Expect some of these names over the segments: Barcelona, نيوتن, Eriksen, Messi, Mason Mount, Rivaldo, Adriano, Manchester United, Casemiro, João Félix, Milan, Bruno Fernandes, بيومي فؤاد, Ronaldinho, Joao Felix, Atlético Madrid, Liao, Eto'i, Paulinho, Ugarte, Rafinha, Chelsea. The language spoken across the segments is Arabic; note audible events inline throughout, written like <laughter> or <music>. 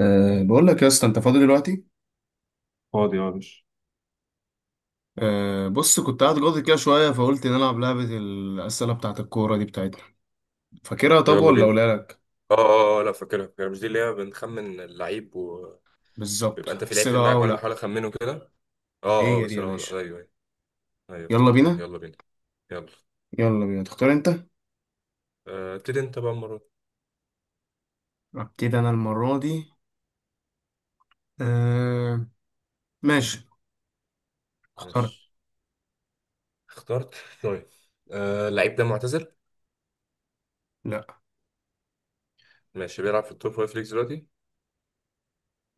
بقول لك يا اسطى، انت فاضي دلوقتي؟ فاضي، اه، مش. بص، كنت قاعد جاضي كده شويه، فقلت نلعب لعبه الاسئله بتاعه الكوره دي بتاعتنا. فاكرها؟ طب ويلا ولا بينا. اقولها لك. لا فاكرها، فاكرها، مش دي اللي هي بنخمن اللعيب وبيبقى. بالظبط، انت في لعيب في اسئله دماغك وانا ولا. بحاول اخمنه كده. اه، اه، هي دي بس يا لا، لا، باشا. ايوه، ايوه. ايوه يلا افتكرتها، بينا. يلا بينا. يلا. يلا بينا، تختار انت. ابتدي انت بقى المره دي. ابتدي انا المره دي. أه ماشي. اختار. ماشي، اخترت. طيب، اللعيب ده معتزل؟ لا. ماشي، بيلعب في التوب فايف ليجز دلوقتي؟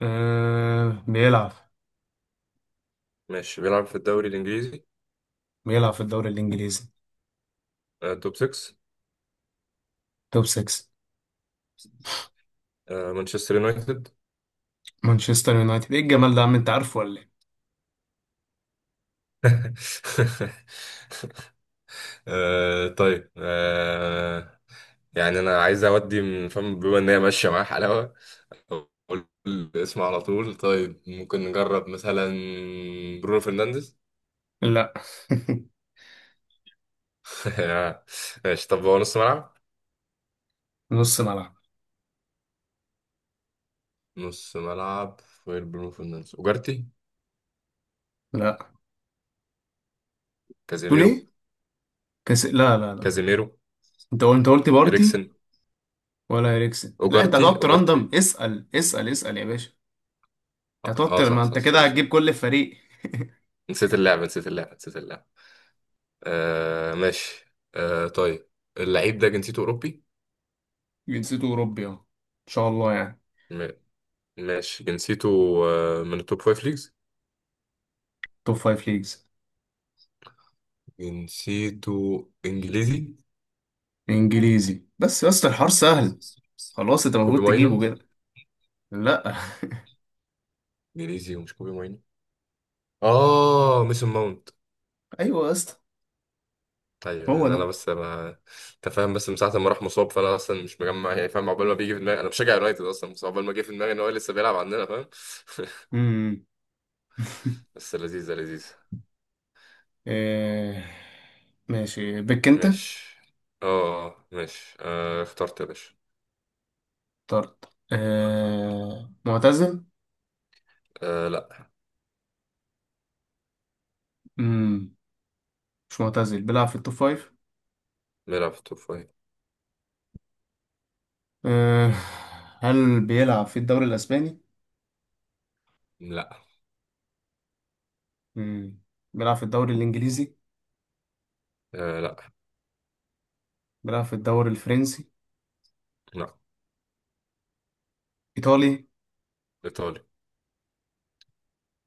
أه، بيلعب. ماشي، بيلعب في الدوري الانجليزي؟ بيلعب في الدوري الانجليزي. توب 6؟ توب 6. مانشستر يونايتد. مانشستر يونايتد، ايه الجمال ده يا عم؟ انت عارفه ولا ايه؟ <laughs> آه طيب آه يعني انا عايز اودي من فم بما ان هي ماشيه معاه حلاوه، اقول الاسم على طول. طيب ممكن نجرب مثلا برونو فرنانديز. لا. <laughs> <laughs> ماشي، طب هو نص ملعب؟ نص ملعب. نص ملعب. غير برونو فرنانديز، اوجارتي، لا. تقول كازيميرو، ايه؟ لا لا لا. كازيميرو، انت قلت بارتي. اريكسن، ولا اريكسن؟ لا، انت اوجارتي، هتقعد اوجارتي. تراندم اسال اسال اسال يا باشا. انت هتقعد ما صح، صح، انت كده سوري، هتجيب سوري. كل فريق. نسيت اللعبه، نسيت اللعبه، نسيت اللعبه. ماشي. طيب، اللعيب ده جنسيته اوروبي؟ جنسيته اوروبي؟ اهو ان شاء الله يعني. ماشي، جنسيته، من التوب فايف ليجز؟ توب فايف ليجز. جنسيته انجليزي؟ انجليزي؟ بس يا اسطى الحوار سهل. خلاص انت كوبي المفروض ماينو. تجيبه كده. لا. انجليزي ومش كوبي ماينو؟ اه ميسون ماونت. <laughs> ايوه يا اسطى. ايوه، هو يعني انا ده. بس انا، انت فاهم، بس من ساعه ما راح مصاب، فانا اصلا مش مجمع، يعني فاهم، عقبال ما بيجي في دماغي، انا بشجع يونايتد اصلا، بس عقبال ما جه في دماغي ان هو لسه بيلعب عندنا، فاهم. امم. <laughs> <laughs> بس لذيذه، لذيذه. إيه... ماشي بك انت. ماشي. ماشي. اخترت يا باشا. طرد. معتزل؟ لا. امم. مش معتزل، بيلعب في التوب فايف. بيلعب في التوب فايف. إيه... هل بيلعب في الدوري الاسباني؟ لا. مم. بيلعب في الدوري الإنجليزي؟ آه لا بيلعب في الدوري الفرنسي؟ لا إيطالي؟ ايطالي.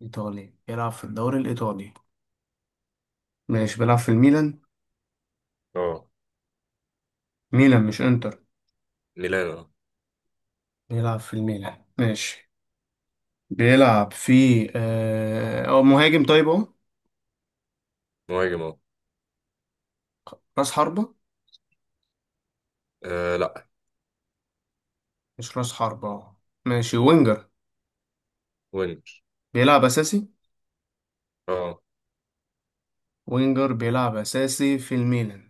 إيطالي، بيلعب في الدوري الإيطالي. ماشي، بيلعب في الميلان. اه، ميلان مش إنتر. ميلان. اه، بيلعب في الميلان، ماشي. بيلعب في أو مهاجم، طيب أهو. مهاجم. اه. راس حربة؟ لا. مش راس حربة أهو. ماشي وينجر. وينج. بيلعب أساسي؟ اه، وينجر بيلعب أساسي في الميلان.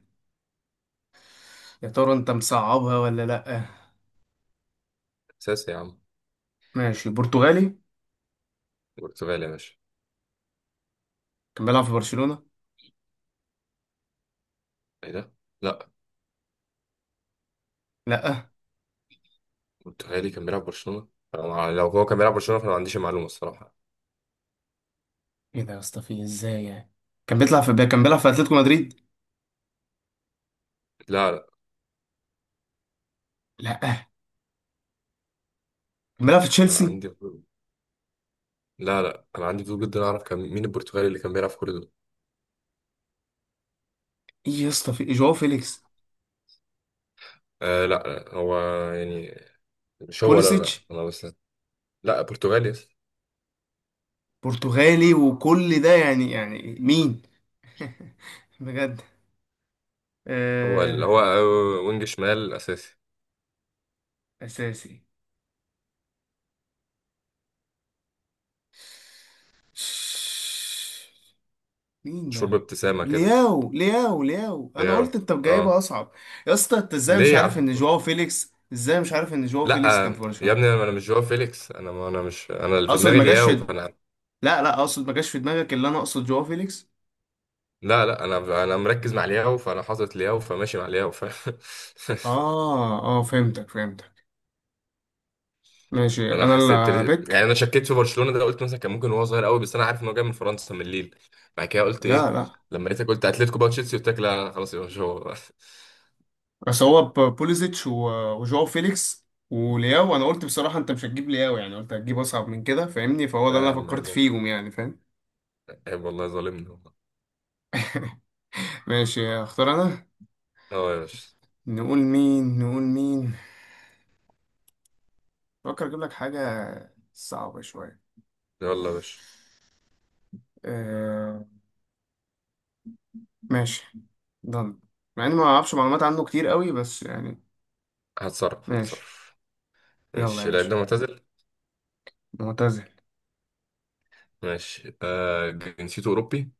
يا ترى أنت مصعبها ولا لأ؟ اساسي يا عم. ماشي، برتغالي. برتغالي يا باشا. كان بيلعب في برشلونة؟ ايه ده؟ لا. لأ. برتغالي كان بيلعب برشلونة؟ أنا لو هو كان بيلعب برشلونة فانا ما عنديش المعلومة الصراحة. إيه ده يا اسطى، في إزاي يعني؟ كان بيلعب في أتلتيكو مدريد. لا لا لا. عملها في انا تشيلسي. عندي فضول- لا لا انا عندي فضول جدا اعرف كان مين البرتغالي اللي كان بيلعب في كل دول. ايه يا اسطى، في جواو فيليكس؟ لا، لا، هو، يعني، مش هو، لا، لا، بوليسيتش؟ انا بس. لا، برتغالي، يس. برتغالي وكل ده، يعني مين؟ <laughs> بجد. هو آه. ال- هو وينج شمال اساسي. اساسي. مين مشهور ده؟ بابتسامة كده. لياو لياو لياو، انا قلت اه انت جايبها آه. اصعب. يا اسطى، انت ازاي مش ليه يا عارف ان عم؟ جواو فيليكس، ازاي مش عارف ان جواو فيليكس لا. كان في يا برشلونة؟ ابني، انا مش جواو فيليكس. انا مش، انا اللي في اقصد دماغي ما جاش في لياو، فانا. لا لا، اقصد ما جاش في دماغك، اللي انا اقصد جواو فيليكس. لا، لا، انا مركز مع لياو، فانا حاطط لياو، فماشي مع لياو ف. <laughs> اه اه، فهمتك فهمتك. ماشي، انا انا حسيت، اللي يعني بك. انا شكيت في برشلونه ده، قلت مثلا كان ممكن هو صغير قوي، بس انا عارف ان هو جاي من فرنسا من ليل. بعد كده قلت لا ايه؟ لا، لما لقيتك قلت اتلتيكو، بقى تشيلسي، قلت لك لا لا. خلاص يا باشا، هو. <laughs> بس هو بوليزيتش وجواو فيليكس ولياو. انا قلت بصراحة انت مش هتجيب لياو يعني، قلت هتجيب اصعب من كده فاهمني، فهو ده لا يا اللي انا عم، فكرت عيب والله. فيهم يعني فاهم. عيب والله، ظالمني والله. <laughs> ماشي، اختار انا. اه يا باشا. نقول مين نقول مين؟ فكر اجيب لك حاجة صعبة شوية. يلا يا باشا. آه. ماشي. ضن. مع اني ما اعرفش معلومات عنه كتير قوي بس يعني. هتصرف، ماشي. هتصرف. يلا يا ماشي، اللعيب باشا. ده معتزل. معتزل؟ ماشي، جنسيته اوروبي؟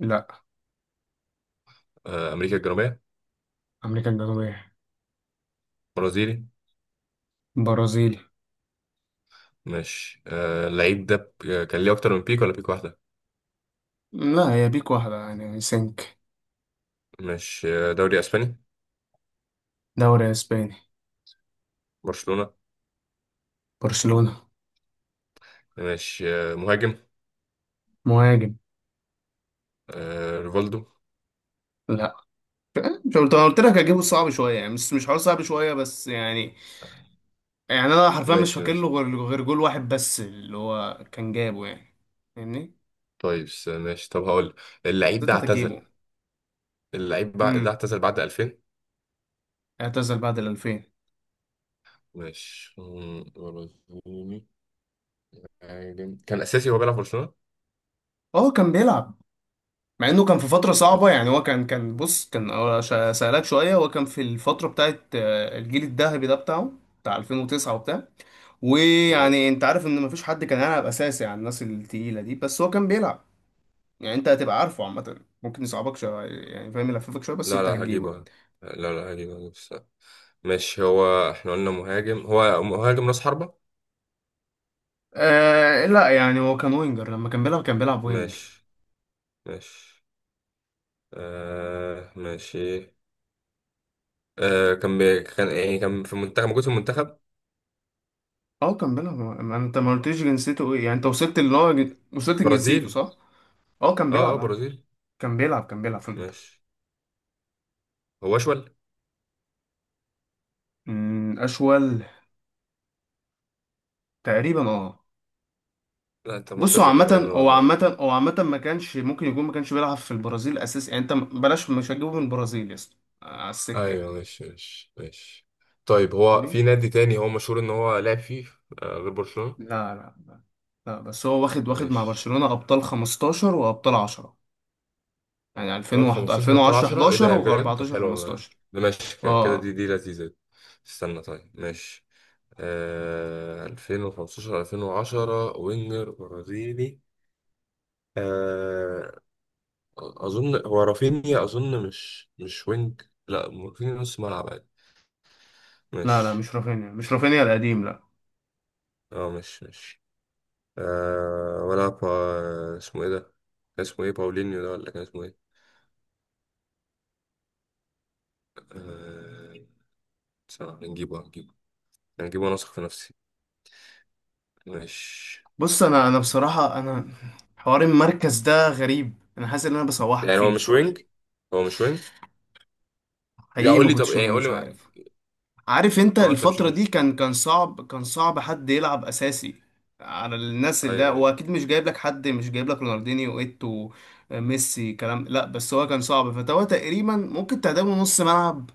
لا. امريكا الجنوبيه؟ امريكا الجنوبية؟ برازيلي؟ برازيلي. ماشي. آه اللعيب ده ب- آه، كان ليه أكتر من بيك ولا بيك واحدة؟ لا، هي بيك واحدة يعني سنك. ماشي. دوري أسباني؟ دوري اسباني؟ برشلونة؟ برشلونة. ماشي. مهاجم؟ مهاجم؟ ريفالدو. لا. مش قلت انا قلت لك هجيبه صعب شويه يعني، مش حوار صعب شويه بس يعني. يعني انا حرفيا مش ماشي، فاكر له ماشي. غير جول واحد بس اللي هو كان جابه يعني. فاهمني. طيب، ماشي، طب هقول، بس اللعيب ده انت اعتزل، هتجيبه. اللعيب ده امم. اعتزل بعد 2000. اعتزل بعد ال 2000. ماشي. برازيلي، مهاجم. كان أساسي وهو بيلعب في برشلونة. اه، كان بيلعب. مع انه كان في فتره صعبه يعني، هو ماشي. كان بص، كان سألك شويه. هو كان في الفتره بتاعت الجيل الذهبي ده بتاعه، بتاع 2009 وبتاع. آه. ويعني انت عارف ان مفيش حد كان هيلعب اساسي على الناس التقيله دي، بس هو كان بيلعب. يعني انت هتبقى عارفه عامة، ممكن يصعبك شوية يعني فاهم، يلففك شوية بس لا، انت لا، هتجيبه. هجيبه. لا، لا، هجيبه، هجيبه. ماشي، هو احنا قلنا مهاجم؟ هو مهاجم راس حربة؟ آه لا، يعني هو كان وينجر، لما كان بيلعب وينج. ماشي، ماشي. ماشي. كان كان في المنتخب؟ موجود في المنتخب؟ اه كان بيلعب، ما انت ما قلتليش جنسيته ايه يعني، انت وصلت اللي هو وصلت لجنسيته برازيل. صح؟ اه كان اه بيلعب اه. برازيل. كان بيلعب في المنتخب. ماشي. هو اشول. اشول. تقريبا اه. لا انت بص، هو معتزل الاجابه عامة اللي انا هو بعملها دي. عامة هو عامة ما كانش ممكن يكون، ما كانش بيلعب في البرازيل اساسي، يعني انت بلاش، مش هتجيبه من البرازيل يا اسطى. على السكة ايوه، ماشي، ماشي، ماشي. طيب هو يعني. في نادي تاني هو مشهور ان هو لعب فيه، غير برشلونة؟ لا لا لا لا، بس هو واخد مع ماشي، برشلونة أبطال 15 وأبطال 10. يعني ابطال 2001، 15 وابطال 2010، 10؟ ايه ده يا 11 بجد؟ و14، طب حلو والله. 15. ده ماشي، كده، دي اه. دي لذيذة دي. استنى، طيب، ماشي. 2015، 2010، وينجر، برازيلي. آه اظن هو رافينيا. اظن مش وينج. لا، رافينيا نص ملعب عادي، لا لا، مش. مش رافينيا، مش رافينيا القديم لا. مش ولا، اسمه ايه ده؟ كان اسمه ايه؟ باولينيو ده ولا كان اسمه ايه؟ آه ثواني، هنجيبه، هنجيبه. هنجيبه وانا واثق في نفسي. مش، بص، انا بصراحة انا، حوار المركز ده غريب، انا حاسس ان انا بصوحك يعني هو فيه مش بصراحة. وينج، هو مش وينج. لا حقيقي قول ما لي، طب كنتش يعني قول مش لي. عارف. عارف انت اه، انت مش، الفترة دي، كان صعب، كان صعب حد يلعب اساسي على الناس، اللي ايوه، هو ايوه، اكيد مش جايب لك رونالدينيو، ايتو، ميسي، كلام، لا. بس هو كان صعب، فهو تقريبا ممكن تعدمه نص ملعب.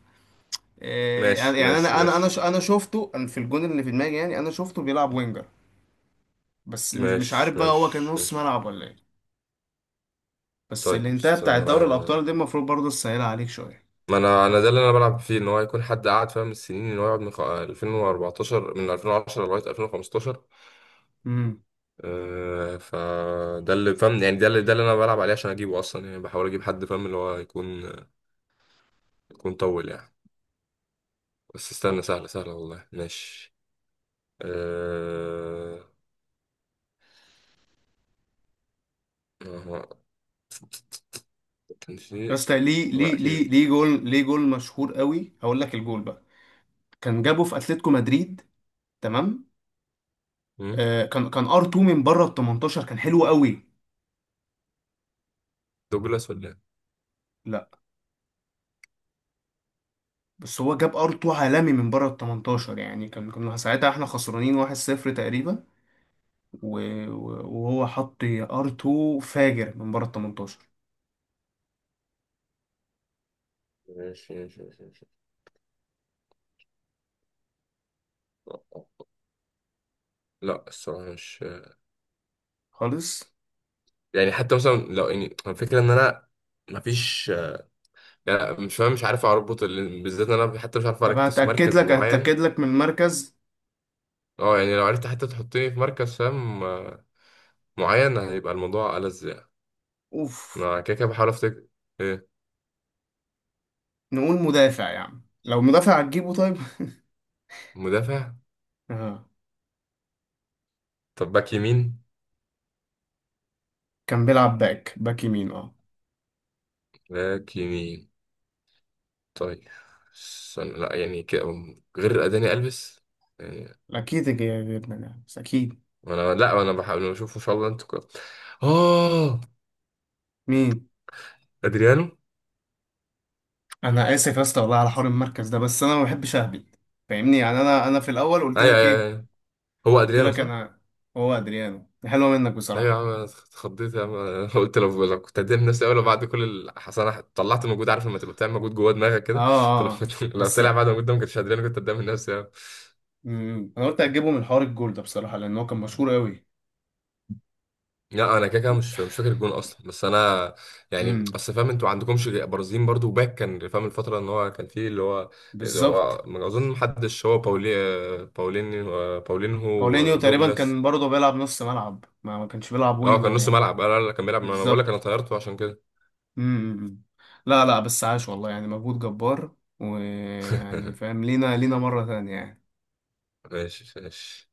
ماشي، يعني ماشي، ماشي، انا شفته، انا في الجون اللي في دماغي يعني، انا شفته بيلعب وينجر. بس مش ماشي، عارف بقى، هو كان ماشي، نص ماشي. ملعب ولا ايه. بس طيب الانتهاء بتاع استنى دوري انا، الابطال دي المفروض برضه تسهلها عليك شوية. ما انا ده اللي انا بلعب فيه، ان هو يكون حد قاعد فاهم السنين، ان هو يقعد من 2014، من 2010 لغايه 2015. امم. فده اللي فاهم يعني، ده اللي انا بلعب عليه عشان اجيبه اصلا، يعني بحاول اجيب حد فاهم، اللي هو يكون، طول يعني. بس استنى، سهله، سهله والله. ماشي. أه... ما هو كان في، بس ليه هو ليه ليه اكيد. ليه جول، ليه جول مشهور قوي. هقول لك الجول بقى. كان جابه في اتلتيكو مدريد. تمام. مم؟ كان ار 2 من بره ال 18، كان حلو قوي. دوجلاس ولا إيه؟ لا. بس هو جاب ار 2 عالمي من بره ال 18، يعني كنا ساعتها احنا خسرانين 1-0 تقريبا. وهو حط ار 2 فاجر من بره ال 18. ماشي، ماشي، ماشي، ماشي. لا الصراحه مش، خالص. يعني حتى مثلا لو اني الفكره ان انا، مفيش، لا مش فاهم، مش عارف اربط بالذات إن انا حتى مش عارف طب اركز في هتاكد مركز لك معين. هتاكد لك من المركز. اه، يعني لو عرفت حتى تحطني في مركز فاهم، معين، هيبقى الموضوع ألذ يعني. اوف. انا كده كده بحاول افتكر، ايه. نقول مدافع، يعني لو مدافع هتجيبه طيب. مدافع؟ <laughs> آه. طب باك يمين؟ كان بيلعب باك يمين اه. باك يمين. طيب استنى، لا، يعني كده، غير اداني البس يعني. اكيد جبنا ده، بس اكيد. انا، لا انا بحاول اشوف ان شاء الله، انتوا كده. اه، مين. ادريانو. انا اسف يا اسطى والله على حوار المركز ده، بس انا ما بحبش اهبد. فاهمني، يعني انا في الاول قلت ايوه، لك ايوه، ايه. أيوة. هو قلت ادريانو لك صح؟ انا. هو ادريانو، ده حلوه منك ايوه يا بصراحه. عم، انا اتخضيت يا عم. <laughs> انا قلت لو، كنت هدير نفسي اول، بعد كل اصل انا طلعت مجهود، عارف لما تبقى بتعمل مجهود جوه دماغك اه كده. <laughs> فلو اه آه. كنت لو بس. طلع بعد مجهود ده، ما كنتش هدري كنت قدام الناس يعني. انا قلت اجيبه من حوار الجول ده بصراحه، لان هو كان مشهور قوي. لا انا كده كده مش، فاكر الجون اصلا، بس انا يعني، امم. اصل فاهم انتوا عندكمش برازيليين برضو، وباك كان فاهم الفتره ان هو كان فيه، اللي هو، اللي بالظبط. هو، ما اظن محدش، هو باولي، باولين، باولينهو. باولينيو تقريبا ودوجلاس. كان برضه بيلعب نص ملعب، ما كانش بيلعب اه، كان وينجر نص يعني. ملعب، انا كان بيلعب، ما انا بقول لك انا بالظبط. طيرته عشان كده. امم. لا لا، بس عاش والله، يعني مجهود جبار، ويعني فاهم لينا، لينا مره ثانيه يعني. ماشي، ماشي.